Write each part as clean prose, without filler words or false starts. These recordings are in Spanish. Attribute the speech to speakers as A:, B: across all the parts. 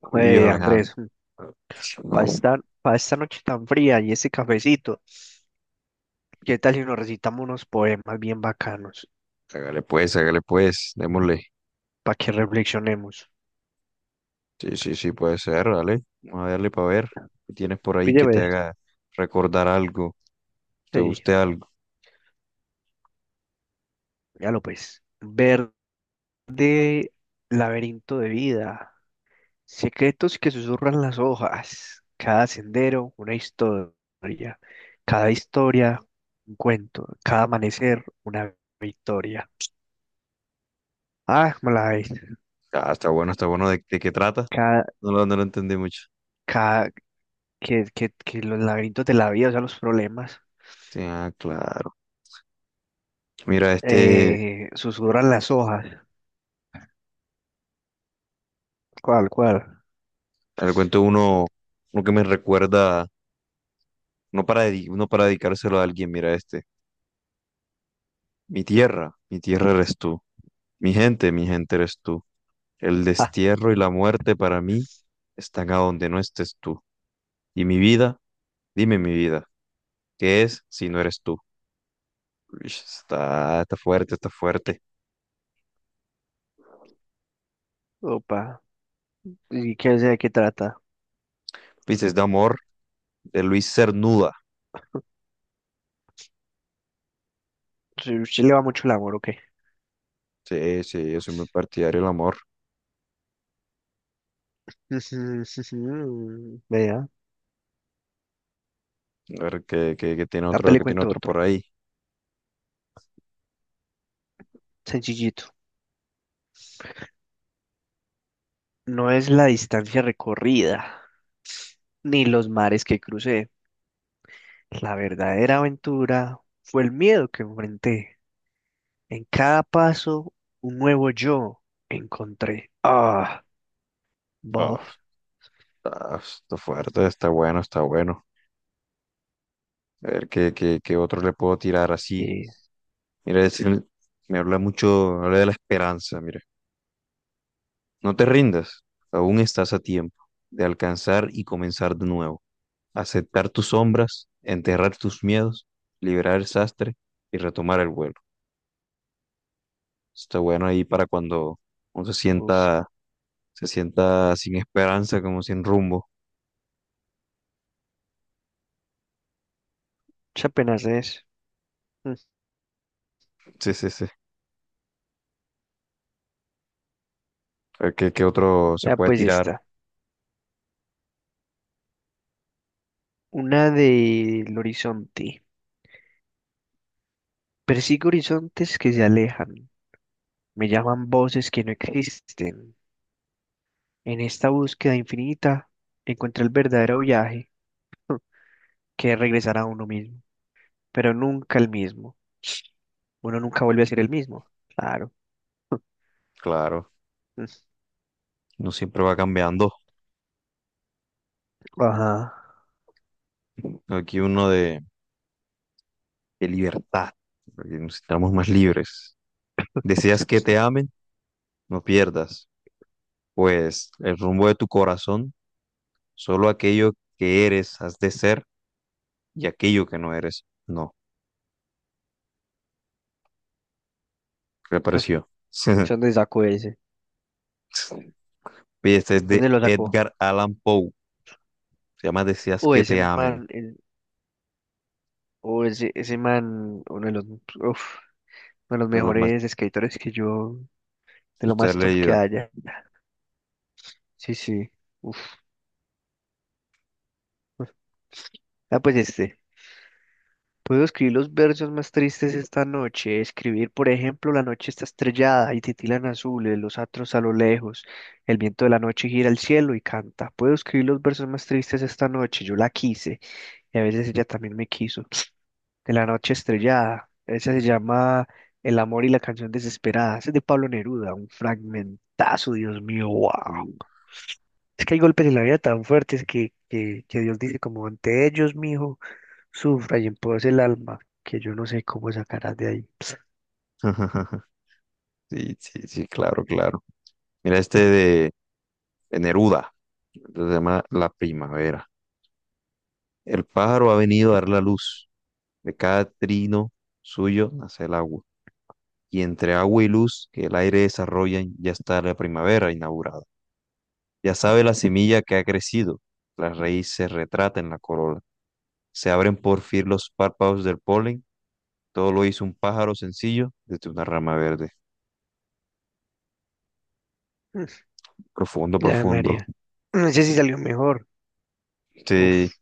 A: Uy, Dios,
B: Oye,
A: Alejandro.
B: Andrés, para esta, pa' esta noche tan fría y ese cafecito, ¿qué tal si nos recitamos unos poemas bien bacanos
A: Hágale pues, démosle.
B: para que reflexionemos?
A: Sí, sí, sí, puede ser, dale. Vamos a darle para ver. ¿Qué tienes por ahí
B: Pille,
A: que te
B: ves.
A: haga recordar algo? ¿Te
B: Sí,
A: guste algo?
B: ya lo pues. Verde laberinto de vida, secretos que susurran las hojas, cada sendero una historia, cada historia un cuento, cada amanecer una victoria. Ah, ¿como la ves?
A: Ah, está bueno, está bueno. ¿De qué trata?
B: Cada,
A: No lo entendí mucho.
B: cada, que los laberintos de la vida, o sea, los problemas.
A: Sí, ah, claro. Mira, este,
B: Susurran las hojas. ¿Cuál, cuál?
A: le cuento uno, uno que me recuerda, no para, no para dedicárselo a alguien, mira este. Mi tierra eres tú. Mi gente eres tú. El
B: Ah,
A: destierro y la muerte para mí están a donde no estés tú. Y mi vida, dime mi vida, ¿qué es si no eres tú? Uish, está, está fuerte, está fuerte.
B: opa. ¿Y qué, de qué trata?
A: Dices de amor de Luis Cernuda.
B: Sí, usted le va mucho el amor, ¿o qué?
A: Sí, sí, yo soy muy partidario del amor.
B: Vea,
A: A ver
B: ya le
A: qué tiene
B: cuento
A: otro por
B: otro.
A: ahí.
B: Sencillito. No es la distancia recorrida, ni los mares que crucé. La verdadera aventura fue el miedo que enfrenté. En cada paso, un nuevo yo encontré. Ah, Bob.
A: Ah, está, está fuerte, está bueno, está bueno. A ver, qué otro le puedo tirar así?
B: Y,
A: Mira, me habla mucho, habla de la esperanza, mira. No te rindas, aún estás a tiempo de alcanzar y comenzar de nuevo. Aceptar tus sombras, enterrar tus miedos, liberar el sastre y retomar el vuelo. Está bueno ahí para cuando uno
B: Uf,
A: se sienta sin esperanza, como sin rumbo.
B: esa apenas es. Mm.
A: Sí, sí, sí. A ver, ¿qué, qué otro se
B: Ya
A: puede
B: pues
A: tirar?
B: está. Una del horizonte. Persigo horizontes que se alejan. Me llaman voces que no existen. En esta búsqueda infinita encontré el verdadero viaje que es regresar a uno mismo, pero nunca el mismo. Uno nunca vuelve a ser el mismo. Claro.
A: Claro,
B: Mm.
A: no siempre va cambiando.
B: Ajá.
A: Aquí uno de libertad, porque nos sintamos más libres. Deseas que te amen, no pierdas, pues el rumbo de tu corazón, solo aquello que eres has de ser y aquello que no eres, no. ¿Qué le pareció?
B: ¿Dónde sacó ese?
A: Oye, este es de
B: ¿Dónde lo sacó?
A: Edgar Allan Poe, se llama Deseas
B: O
A: que
B: ese
A: te
B: man,
A: amen,
B: el- o ese man, uno de los, uf, uno de los
A: de lo más
B: mejores escritores que yo, de
A: que
B: lo
A: usted ha
B: más top que
A: leído.
B: haya. Sí, sí. Uf. Ah, pues este. Puedo escribir los versos más tristes esta noche. Escribir, por ejemplo, la noche está estrellada y titilan azules los atros a lo lejos. El viento de la noche gira el cielo y canta. Puedo escribir los versos más tristes esta noche. Yo la quise y a veces ella también me quiso. De la noche estrellada. Esa se llama El amor y la canción desesperada. Ese es de Pablo Neruda. Un fragmentazo, Dios mío, wow.
A: Uh.
B: Es que hay golpes en la vida tan fuertes que Dios dice como ante ellos, mijo. Sufra y en empobrece el alma, que yo no sé cómo sacarás de ahí.
A: Sí, sí, sí, claro, claro. Mira de Neruda, se llama La primavera. El pájaro ha venido a dar la luz. De cada trino suyo nace el agua, y entre agua y luz que el aire desarrollan ya está la primavera inaugurada. Ya sabe la semilla que ha crecido, la raíz se retrata en la corola, se abren por fin los párpados del polen, todo lo hizo un pájaro sencillo desde una rama verde. Profundo,
B: Mm. Ya, María.
A: profundo.
B: No sé si salió mejor.
A: Este,
B: Uf,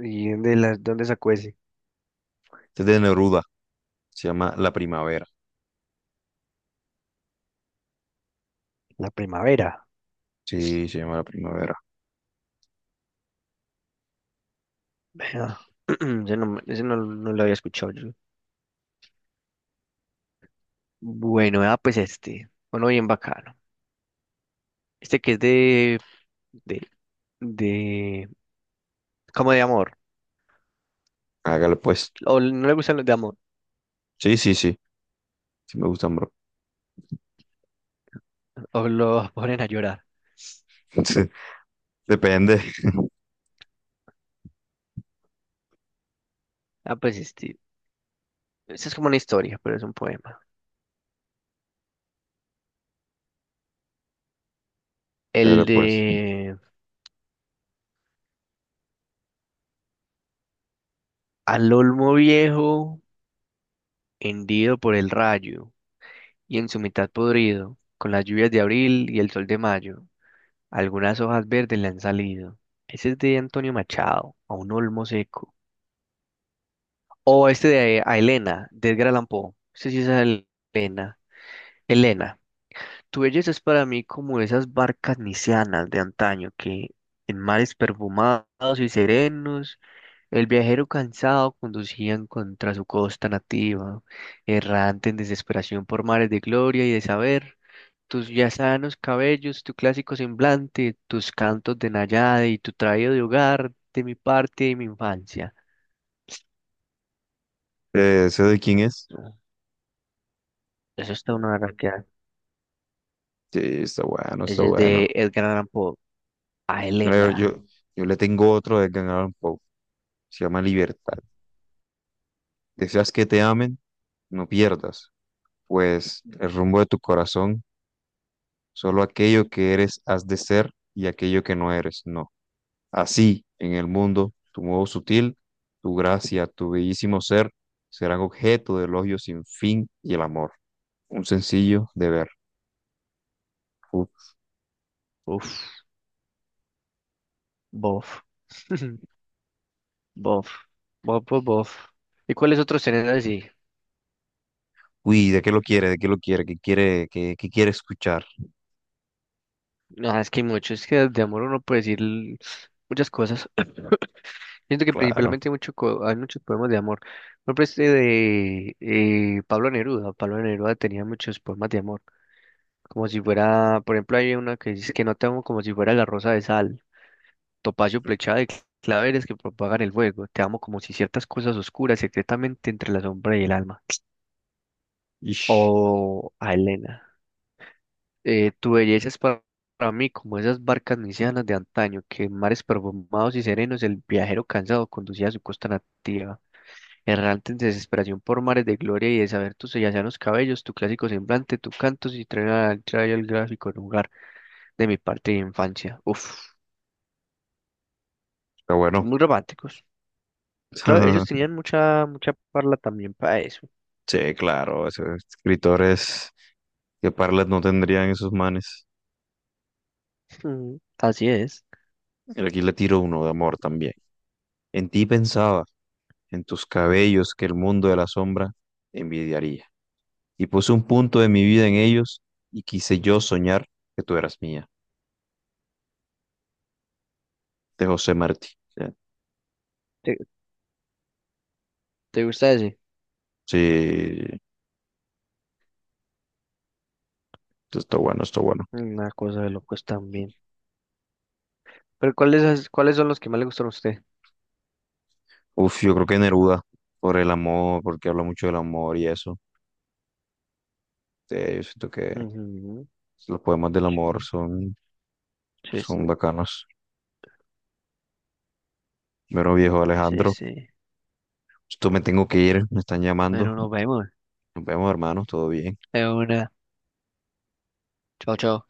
B: ¿ dónde sacó ese?
A: este es de Neruda, se llama La Primavera.
B: La primavera.
A: Sí, se llama La Primavera.
B: Vea. Ese no, no lo había escuchado yo. Bueno, ah, pues este. Uno bien bacano. Este que es de, de como de amor.
A: Hágale pues.
B: O no le gustan los de amor.
A: Sí, sí, sí, sí me gustan, bro.
B: O lo ponen a llorar.
A: Depende.
B: Ah, pues este. Esta es como una historia, pero es un poema.
A: Pero
B: El
A: pues,
B: de Al Olmo Viejo. Hendido por el rayo, y en su mitad podrido, con las lluvias de abril y el sol de mayo, algunas hojas verdes le han salido. Ese es de Antonio Machado, a un olmo seco. O este de a Elena, de Edgar Allan Poe. Elena. Elena, tu belleza es para mí como esas barcas nisianas de antaño que, en mares perfumados y serenos, el viajero cansado conducían contra su costa nativa, errante en desesperación por mares de gloria y de saber. Tus ya sanos cabellos, tu clásico semblante, tus cantos de Nayade y tu traído de hogar, de mi parte y mi infancia.
A: ¿eso de quién es?
B: No, eso está una garraquera.
A: Sí, está bueno, está
B: Ese es
A: bueno.
B: de Edgar Allan Poe. A
A: Mira,
B: Elena.
A: yo le tengo otro de Gangnam Pop, se llama Libertad. Deseas que te amen, no pierdas, pues el rumbo de tu corazón, solo aquello que eres has de ser y aquello que no eres, no. Así, en el mundo, tu modo sutil, tu gracia, tu bellísimo ser, serán objeto de elogio sin fin y el amor. Un sencillo deber. Uf.
B: Uf, bof. Bof. Bof, bof, bof. ¿Y cuáles otros tenés así?
A: Uy, ¿de qué lo quiere? ¿De qué lo quiere? ¿Qué quiere, qué quiere escuchar?
B: Ah, es que hay muchos, es que de amor uno puede decir muchas cosas. Siento que
A: Claro.
B: principalmente hay, hay muchos poemas de amor. Por ejemplo, este de Pablo Neruda. Pablo Neruda tenía muchos poemas de amor. Como si fuera, por ejemplo, hay una que dice que no te amo como si fuera la rosa de sal, topacio plechada de claveres que propagan el fuego, te amo como si ciertas cosas oscuras secretamente entre la sombra y el alma.
A: Ish,
B: O a Elena, tu belleza es pa- para mí como esas barcas nisianas de antaño que en mares perfumados y serenos el viajero cansado conducía a su costa nativa. Errante en desesperación por mares de gloria y de saber tus sellanos cabellos, tu clásico semblante, tu canto y trae al gráfico en lugar. De mi parte de infancia. Uf,
A: está bueno.
B: muy románticos. Claro, ellos tenían mucha, mucha parla también para eso.
A: Sí, claro, esos escritores que Parlet no tendrían esos manes.
B: Mm. Así es.
A: Pero aquí le tiro uno de amor también. En ti pensaba, en tus cabellos que el mundo de la sombra envidiaría. Y puse un punto de mi vida en ellos y quise yo soñar que tú eras mía. De José Martí. Ya.
B: ¿Te, te gusta ese?
A: Sí, esto está bueno, esto está bueno.
B: Una cosa de locos también. Pero ¿cuáles son los que más le gustan a usted?
A: Uf, yo creo que Neruda, por el amor, porque habla mucho del amor y eso. Sí, yo siento que
B: Ujú.
A: los poemas del amor son,
B: Sí, sí,
A: son bacanos. Mero viejo
B: sí,
A: Alejandro.
B: sí.
A: Esto me tengo que ir, me están llamando.
B: Bueno, nos vemos.
A: Nos vemos, hermanos, todo bien.
B: De una. Chao, chao.